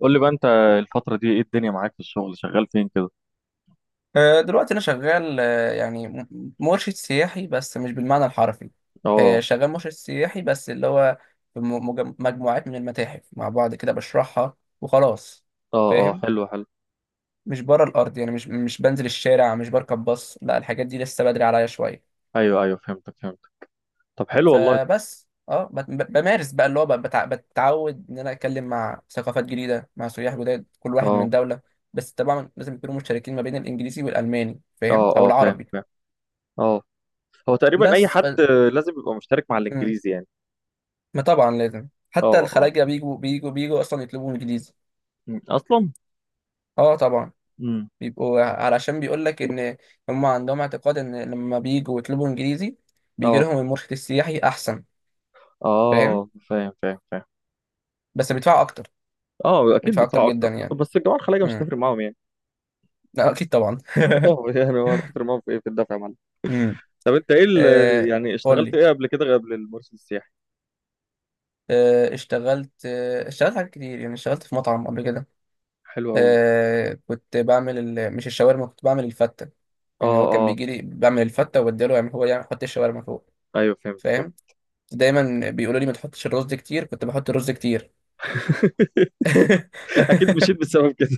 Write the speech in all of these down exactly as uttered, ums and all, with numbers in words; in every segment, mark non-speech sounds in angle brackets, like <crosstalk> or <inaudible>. قول لي بقى انت، الفترة دي ايه الدنيا معاك في الشغل؟ شغال فين كده؟ آه، دلوقتي أنا شغال آه، يعني م- مرشد سياحي بس مش بالمعنى الحرفي. آه، اه شغال مرشد سياحي بس اللي هو في م- مج- مجموعات من المتاحف مع بعض كده بشرحها وخلاص. اه اه فاهم. حلو حلو. مش بره الأرض يعني مش مش بنزل الشارع مش بركب باص، لا الحاجات دي لسه بدري عليا شوية. ايوه ايوه فهمتك فهمتك. طب حلو والله. فبس اه بت- ب- بمارس بقى اللي هو ب- بتع- بتعود إن أنا أتكلم مع ثقافات جديدة مع سياح جداد، كل واحد اه من دولة. بس طبعا لازم يكونوا مشتركين ما بين الإنجليزي والألماني، فاهم، اه أو اه فاهم العربي. فاهم. اه، هو تقريبا اي بس ف... حد لازم يبقى مشترك مع مم. الانجليزي يعني. ما طبعا لازم، حتى اه اه الخلاجة بيجوا بيجوا بيجوا أصلا يطلبوا إنجليزي. مم. اصلا. اه طبعا. امم. بيبقوا علشان بيقول لك إن هم عندهم اعتقاد إن لما بيجوا يطلبوا إنجليزي بيجي اه لهم المرشد السياحي أحسن. فاهم. اه فاهم فاهم فاهم. بس بيدفعوا أكتر. اه اكيد بيدفعوا أكتر بيدفعوا اكتر. جدا يعني. بس الجماعة الخليجية مش امم. هتفرق معاهم يعني. لا أكيد طبعا. <laughs> اه يعني هو هتفرق معاهم في ايه، في الدفع يا معلم؟ امم. طب انت ايه ال- آه. يعني قول اشتغلت لي. ايه قبل كده، قبل المرشد السياحي؟ آه اشتغلت آه اشتغلت حاجات كتير، يعني اشتغلت في مطعم قبل كده. حلو قوي. آه كنت بعمل ال... مش الشاورما، كنت بعمل الفتة. يعني اه هو كان اه بيجي لي بعمل الفتة، وبديله يعمل، هو يعمل يحط الشاورما فوق. ايوه فهمت فهمت. فاهم. دايما بيقولوا لي ما تحطش الرز كتير، كنت بحط الرز كتير. <laughs> اكيد <laughs> مشيت بسبب كده.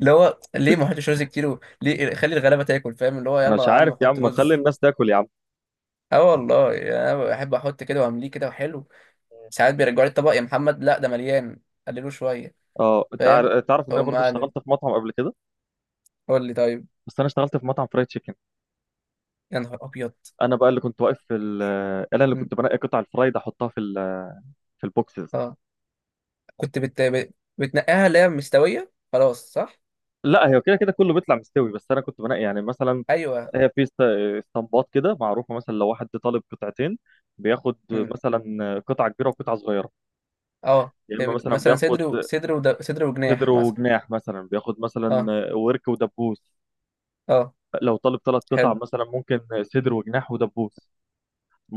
اللي هو ليه ما احطش رز كتير و... ليه خلي الغلابه تاكل، فاهم، اللي هو انا يلا مش يا عارف عم يا حط عم، خلي رز. الناس تاكل يا عم. اه والله، يعني انا بحب احط كده وامليه كده وحلو. ساعات بيرجعوا لي الطبق، يا محمد لا ده مليان، قللوه شويه. اه، فاهم. تع- تعرف ان انا فقوم برضه قالب. اشتغلت في مطعم قبل كده. قول لي طيب. بس انا اشتغلت في مطعم فرايد تشيكن. يا نهار ابيض. انا بقى اللي كنت واقف في ال- انا اللي م. كنت بنقي قطع الفرايد احطها في ال- في البوكسز. اه كنت بت... بت- بتنقيها، اللي هي مستويه خلاص، صح؟ لا، هي كده كده كله بيطلع مستوي، بس انا كنت بنقي يعني مثلا، ايوه. هي في است- اسطمبات كده معروفه. مثلا لو واحد طالب قطعتين بياخد م. مثلا قطعه كبيره وقطعه صغيره. اه يا يعني اما بيبقى مثلا مثلا بياخد صدر و... صدر وده... صدر صدر وجناح مثلا. وجناح، مثلا بياخد مثلا اه. ورك ودبوس. اه لو طالب ثلاث قطع حلو مثلا ممكن صدر وجناح ودبوس.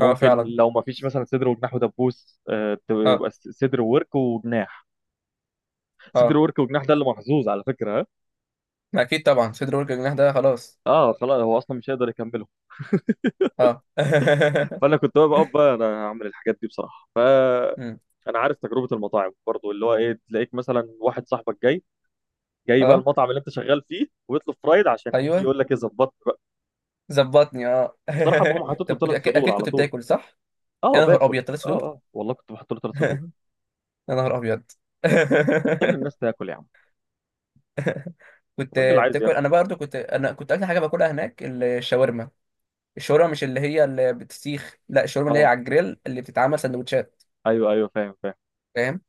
اه فعلا. لو ما فيش مثلا صدر وجناح ودبوس، آه، اه. تبقى س- صدر وورك وجناح. صدر اه وورك وجناح ده اللي محظوظ على فكره، ها. ما اكيد طبعا صدر ورك الجناح ده خلاص. اه خلاص، هو اصلا مش هيقدر يكمله. اه. <laughs> فانا كنت بقى بقى بقى انا هعمل الحاجات دي بصراحه. أمم. فانا عارف تجربه المطاعم برضو، اللي هو ايه، تلاقيك مثلا واحد صاحبك جاي، جاي بقى اه. المطعم اللي انت شغال فيه ويطلب فرايد، عشان يجي ايوه. يقول لك ايه، ظبطت بقى؟ ظبطني اه. بصراحه بقوم <laughs> حاطط له طب كنت، ثلاث اكيد صدور اكيد على كنت طول. بتاكل، صح؟ اه يا نهار باكل، ابيض ثلاث اه صدور. اه والله كنت بحط له ثلاث صدور. <laughs> يا نهار ابيض. <laughs> خلي الناس تاكل يا عم، كنت الراجل عايز. بتاكل، انا برضه كنت انا كنت اكتر حاجه باكلها هناك الشاورما. الشاورما مش اللي هي اللي بتسيخ، لا الشاورما اللي هي اه على الجريل اللي بتتعمل سندوتشات. ايوه ايوه فاهم فاهم. فاهم.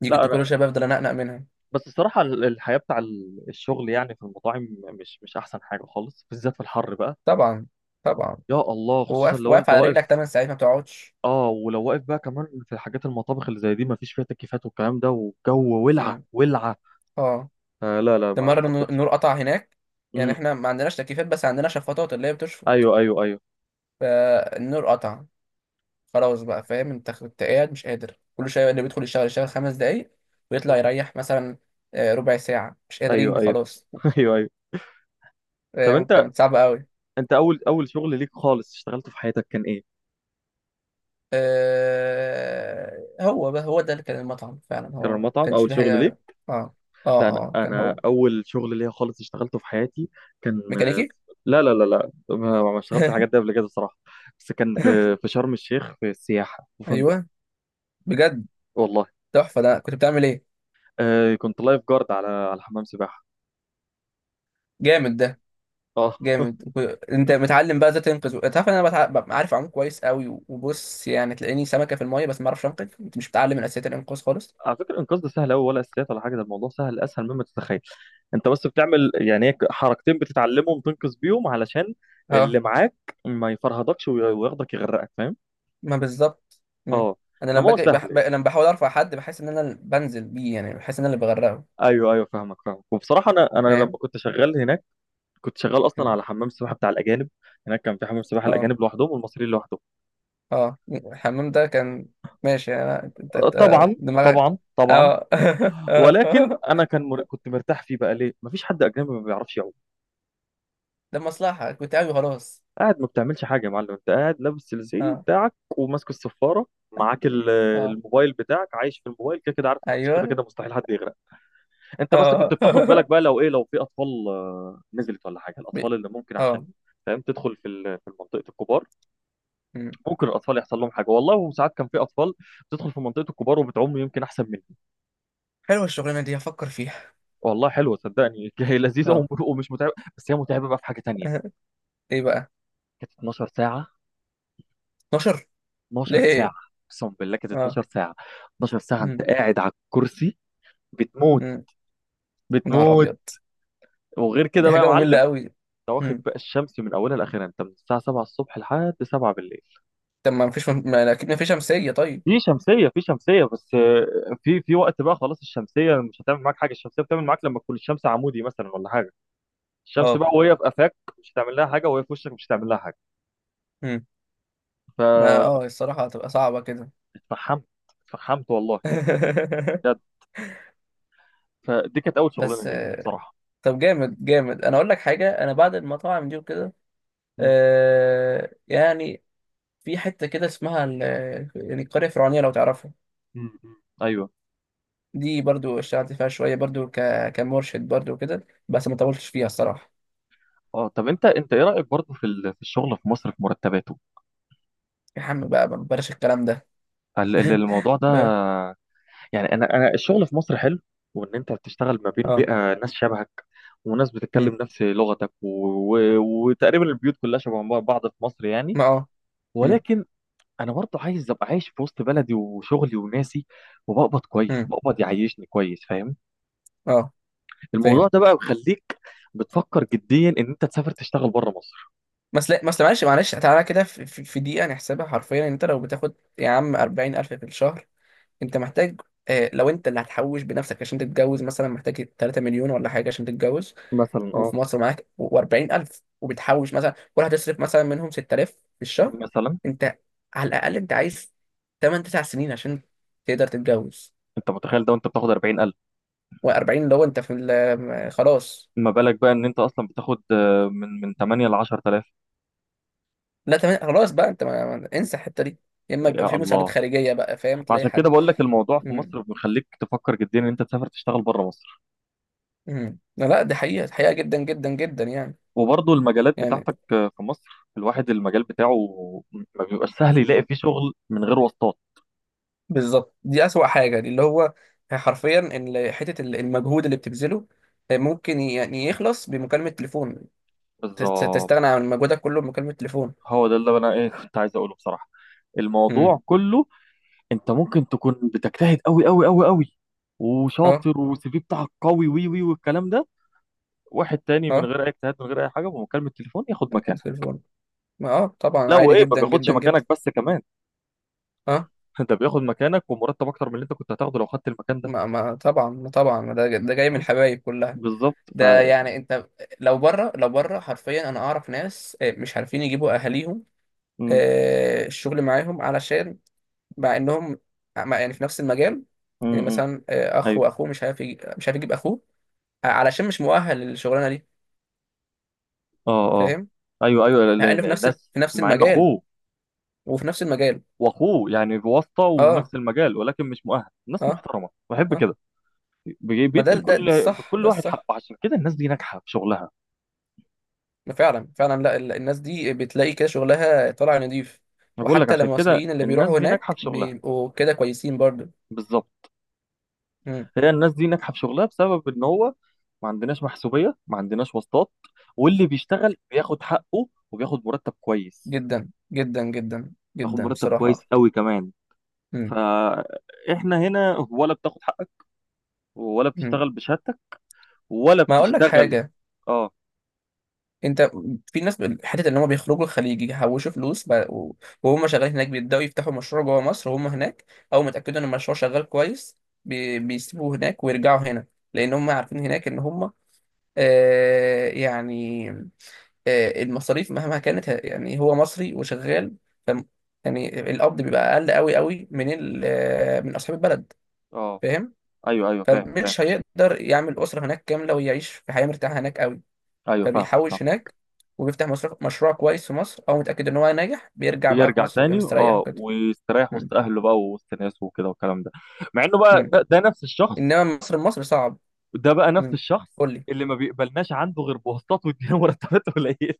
دي لا كنت أنا، كل شويه بفضل انقنق منها. بس الصراحه ال- الحياه بتاع ال- الشغل يعني في المطاعم مش مش احسن حاجه خالص، بالذات في الحر بقى. طبعا طبعا. يا الله، خصوصا واقف لو واقف انت على رجلك واقف. تمن ساعات ما بتقعدش. اه، ولو واقف بقى كمان في حاجات المطابخ اللي زي دي، ما فيش فيها تكييفات والكلام ده، والجو ولعه أمم. ولعه. اه. آه لا لا، ده ما مرة النو- حبيتش. النور قطع هناك. يعني امم. احنا ما عندناش تكييفات بس عندنا شفاطات اللي هي بتشفط. ايوه ايوه ايوه. فالنور قطع، خلاص بقى. فاهم انت كنت قاعد مش قادر، كل شوية اللي بيدخل يشتغل يشتغل خمس دقايق ويطلع امم. يريح مثلا. آه، ربع ساعة مش ايوه قادرين ايوه. خلاص. <laughs> ايوه ايوه. طب فاهم انت انت، كانت صعبة قوي. انت اول اول شغل ليك خالص اشتغلته في حياتك كان ايه؟ آه، هو بقى، هو ده اللي كان المطعم فعلا، كان هو ما المطعم كانش اول فيه شغل ليك. حاجة. اه، اه، لا، انا اه، كان انا هو. اول شغل ليا خالص اشتغلته في حياتي كان ميكانيكي. لا لا لا لا، ما ما اشتغلتش الحاجات دي <laughs> قبل كده صراحه. بس كان في في شرم الشيخ في السياحه في فندق. ايوه بجد. والله. تحفة، ده كنت بتعمل ايه؟ آه كنت لايف جارد على على حمام سباحه. جامد ده. اه. <laughs> جامد وك- انت متعلم بقى ازاي تنقذ، و- تعرف ان انا بتع... ببقى عارف اعوم كويس قوي و- وبص يعني تلاقيني سمكه في الميه بس ما اعرفش انقذ، انت مش متعلم من اساسيات الانقاذ خالص. على فكره الانقاذ ده سهل قوي، ولا اساسيات ولا حاجه، ده الموضوع سهل اسهل مما تتخيل. انت بس بتعمل يعني هيك حركتين بتتعلمهم تنقذ بيهم، علشان اه اللي معاك ما يفرهدكش وي- وياخدك يغرقك، فاهم؟ ما بالظبط. مم. اه، انا لما انما هو باجي سهل بح... ب... يعني. لما بحاول ارفع حد بحس ان انا اللي بنزل بيه، يعني بحس ان انا اللي بغرقه. ايوه ايوه فاهمك فاهمك. وبصراحه انا انا لما فاهم. كنت شغال هناك، كنت شغال اصلا مم. على حمام السباحه بتاع الاجانب. هناك كان في حمام سباحه اه الاجانب لوحدهم والمصريين لوحدهم. اه الحمام ده كان. ماشي، يعني انا انت آه، انت- آه، طبعا، دماغك. طبعا طبعا. اه. <laughs> ولكن اه. انا كان مر... كنت مرتاح فيه بقى، ليه؟ مفيش حد اجنبي ما بيعرفش يعوم. ده مصلحه كنت قوي خلاص. قاعد ما بتعملش حاجه يا معلم، انت قاعد لابس الزي اه. بتاعك وماسك الصفاره، معاك ال- اه. الموبايل بتاعك، عايش في الموبايل كده كده، عارف إنه مش كده ايوه. كده مستحيل حد يغرق. انت بس كنت اه. بتاخد <laughs> بالك بقى، لو ايه، لو في اطفال، آه، نزلت ولا حاجه، بي- الاطفال اللي ممكن عشان اه. فاهم تدخل في ال- في منطقه الكبار. ممكن الاطفال يحصل لهم حاجه، والله وساعات كان في اطفال بتدخل في منطقه الكبار وبتعوم يمكن احسن مني. حلوة الشغلانة دي، هفكر فيها. والله حلوه صدقني. <laughs> هي لذيذه وم- اه. ومش متعبه، بس هي متعبه بقى في حاجه <laughs> تانية. آه، ايه بقى؟ كانت اتناشر ساعه. اتناشر؟ اثنا عشر ساعه. ليه. اقسم بالله كانت اه. اتناشر ساعه. اتناشر ساعه انت مم. قاعد على الكرسي بتموت مم. نهار بتموت. ابيض. وغير كده دي بقى يا حاجة معلم، مملة قوي. انت واخد مم. بقى الشمس من اولها لاخرها، انت من الساعه سبعه الصبح لحد سبعه بالليل. طب ما مفيش، ما اكيد مفيش شمسية طيب؟ في شمسيه، في شمسيه، بس آه، في في وقت بقى خلاص الشمسيه مش هتعمل معاك حاجه. الشمسيه بتعمل معاك لما تكون الشمس عمودي مثلا ولا حاجه. الشمس اه. بقى وهي في قفاك مش هتعمل لها حاجه، وهي في وشك مش هتعمل لها حاجه. مم. ما فاتفحمت. اه الصراحة هتبقى صعبة كده. اتفحمت والله. <laughs> بجد. فدي كانت اول شغلانه بس. ليا آه، بصراحه. طب جامد جامد، انا اقول لك حاجة، انا بعد المطاعم دي وكده، مم. آه يعني في حتة كده اسمها ال- يعني القرية الفرعونية لو تعرفها. مم. مم. ايوه. دي برضو اشتغلت فيها شوية، برضو ك... كمرشد برضو كده، بس ما طولتش فيها الصراحة. اه، طب انت انت ايه رايك برضه في ال- في الشغل في مصر، في مرتباته؟ يا عم بقى ما بلاش الكلام ده. ال- ال- <laughs> الموضوع ده ب... يعني، انا انا الشغل في مصر حلو، وان انت بتشتغل ما بين اه. بيئه ناس شبهك، وناس مم. بتتكلم نفس لغتك و... و... وتقريبا البيوت كلها شبه بعض في مصر يعني. ما اه مم. ولكن انا برضه عايز ابقى عايش في وسط بلدي وشغلي وناسي، وبقبض كويس، مم. بقبض يعيشني كويس، فاهم؟ اه الموضوع فاهم. ده بقى بيخليك بتفكر جديا ان انت تسافر تشتغل بره مصر. بس لا بس معلش معلش تعالى كده، في, في في دقيقة نحسبها حرفيا، يعني انت لو بتاخد يا عم اربعين الف في الشهر، انت محتاج. آه لو انت اللي هتحوش بنفسك عشان تتجوز مثلا محتاج ثلاثة مليون ولا حاجة عشان تتجوز. مثلا، اه، وفي مصر معاك و40000، وبتحوش مثلا، كل هتصرف مثلا منهم ستة آلاف في الشهر. مثلا انت، على الأقل انت عايز ثماني تسع سنين عشان تقدر تتجوز. انت متخيل ده وانت بتاخد اربعين الف؟ و40 لو انت في ال- آه، خلاص. ما بالك بقى ان انت اصلا بتاخد، آه، من من تمانيه ل عشر تلاف؟ لا تمام خلاص بقى، انت ما... ما- انسى الحته دي. يا اما يبقى يا في مساعدات الله. خارجيه بقى، فاهم، تلاقي فعشان كده حد. بقول لك الموضوع في امم. مصر بيخليك تفكر جديا ان انت تسافر تشتغل بره مصر. امم. لا لا، دي حقيقه حقيقه جدا جدا جدا يعني. وبرضه المجالات يعني. بتاعتك آه، في مصر، الواحد المجال بتاعه ما بيبقاش سهل يلاقي فيه شغل من غير واسطات. بالظبط دي اسوأ حاجه، دي اللي هو حرفيا ان حته ال- المجهود اللي بتبذله ممكن يعني يخلص بمكالمه تليفون. تست- بالظبط، تستغنى عن مجهودك كله بمكالمه تليفون. هو ده اللي انا ايه كنت عايز اقوله بصراحه. امم. الموضوع كله، انت ممكن تكون بتجتهد قوي قوي قوي قوي، اه وشاطر، والسي في بتاعك قوي وي وي والكلام ده، واحد تاني من اه غير اي اجتهاد، من غير اي حاجه، بمكالمه تليفون ياخد مكانك. التليفون. ما اه طبعا لا عادي وايه، ما جدا بياخدش جدا جدا. مكانك بس كمان. اه. <laughs> انت بياخد مكانك ومرتب اكتر من اللي انت كنت هتاخده لو خدت المكان ده. ما ما طبعا ما طبعا ما ده ده جاي من آه، الحبايب كلها. بالظبط، ف. ده يعني انت لو بره لو بره حرفيا انا اعرف ناس، آه، مش عارفين يجيبوا اهاليهم امم. آه، الشغل معاهم، علشان مع انهم مع- يعني في نفس المجال. يعني امم. مثلا آه، اخ ايوه. واخوه مش عارف يجي- مش عارف يجيب اخوه، آه، علشان مش مؤهل للشغلانه دي. اه اه فاهم. ايوه ايوه، ال- مع انه ال- في نفس الناس، في نفس مع ان المجال. اخوه وفي نفس المجال. واخوه يعني بواسطه اه. ونفس المجال ولكن مش مؤهل، ناس اه. محترمه بحب اه. كده، بي- ما ده بيدي ده ده لكل الصح، كل ده واحد الصح. حقه، عشان كده الناس دي ناجحه في شغلها. ما فعلا فعلا، لا ال- الناس دي بتلاقي كده شغلها طالع نضيف. انا بقول لك، وحتى عشان كده المصريين اللي الناس بيروحوا دي ناجحه هناك في شغلها. بيبقوا كده كويسين برضه. بالظبط، هي الناس دي ناجحه في شغلها بسبب ان هو ما عندناش محسوبيه، ما عندناش واسطات، واللي بيشتغل بياخد حقه وبياخد مرتب كويس، جدا جدا جدا بياخد جدا مرتب كويس بصراحة. قوي كمان. مم. فاحنا هنا ولا بتاخد حقك، ولا مم. بتشتغل بشهادتك، ولا ما اقول لك بتشتغل. حاجة. اه انت، في ناس، حتة ان هم بيخرجوا الخليج يحوشوا فلوس بقى- و- وهم شغالين هناك بيبدأوا يفتحوا مشروع جوه مصر وهم هناك. اول ما يتأكدوا ان المشروع شغال كويس بي- بيسيبوه هناك ويرجعوا هنا. لان هم عارفين هناك ان هم آه يعني، آه المصاريف مهما كانت ه- يعني هو مصري وشغال، ف، يعني القبض بيبقى اقل قوي قوي من ال- آه، من اصحاب البلد. اه فاهم. ايوه ايوه فاهم فاهم. فمش هيقدر يعمل أسرة هناك كاملة ويعيش في حياة مرتاحة هناك قوي. ايوه فاهم فاهم. فبيحوش هناك، وبيفتح مشروع مشروع كويس في مصر، هو متأكد إن هو ناجح، بيرجع بقى في ويرجع مصر ويبقى تاني مستريح اه كده. ويستريح مم. وسط اهله بقى ووسط ناسه وكده والكلام ده. مع انه بقى، مم. ده, ده نفس الشخص. إنما مصر مصر صعب. ده بقى نفس مم. الشخص قول لي. اللي ما بيقبلناش عنده غير بواسطات، وادينا مرتبات قليله.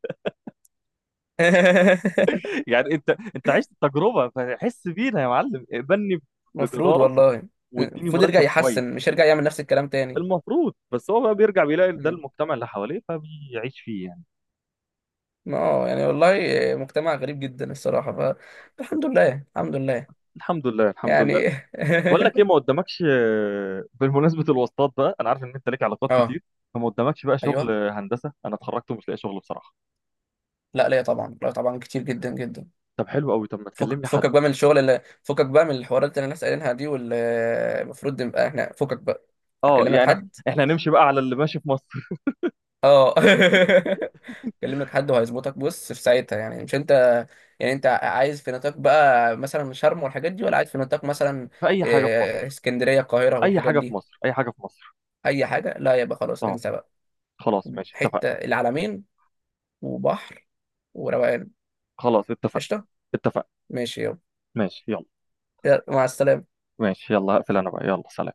<laughs> <laughs> يعني انت، انت عشت التجربه، فحس بينا يا معلم، اقبلني مفروض بجداره، والله. مم. واديني المفروض يرجع مرتب كويس. يحسن، مش يرجع يعمل نفس الكلام تاني. المفروض، بس هو بقى بيرجع بيلاقي ده مم. المجتمع اللي حواليه فبيعيش فيه يعني. ما اه يعني والله، مجتمع غريب جدا الصراحة. فالحمد لله الحمد لله. الحمد لله الحمد لله. يعني. بقول لك ايه، ما <laughs> قدامكش آه، بالمناسبه الواسطات بقى، انا عارف ان انت ليك علاقات اه كتير، فما قدامكش بقى شغل ايوه. هندسه؟ انا اتخرجت ومش لاقي شغل بصراحه. لا ليا طبعا، لا طبعا كتير جدا جدا. طب حلو قوي، طب ما فك تكلمني حد. فكك بقى من الشغل، اللي فكك بقى من الحوارات اللي الناس قايلينها دي، واللي المفروض نبقى احنا، فكك بقى. اه هكلم لك يعني إح- حد. احنا هنمشي بقى على اللي ماشي في مصر. <laughs> اه. <laughs> هكلم لك حد وهيظبطك، بص في ساعتها، يعني مش انت. يعني انت عايز في نطاق بقى مثلا شرم والحاجات دي، ولا عايز في نطاق مثلا في اي حاجه في إيه، مصر، اسكندرية القاهرة اي والحاجات حاجه في دي؟ مصر، اي حاجه في مصر. اي حاجة، لا يبقى خلاص اه انسى بقى. خلاص ماشي اتفقنا. حتة العلمين وبحر وروقان. خلاص اتفقنا. قشطة. اتفقنا. ماشي يلا. ماشي يلا. يلا، مع السلامة. ماشي يلا، هقفل انا بقى، يلا سلام.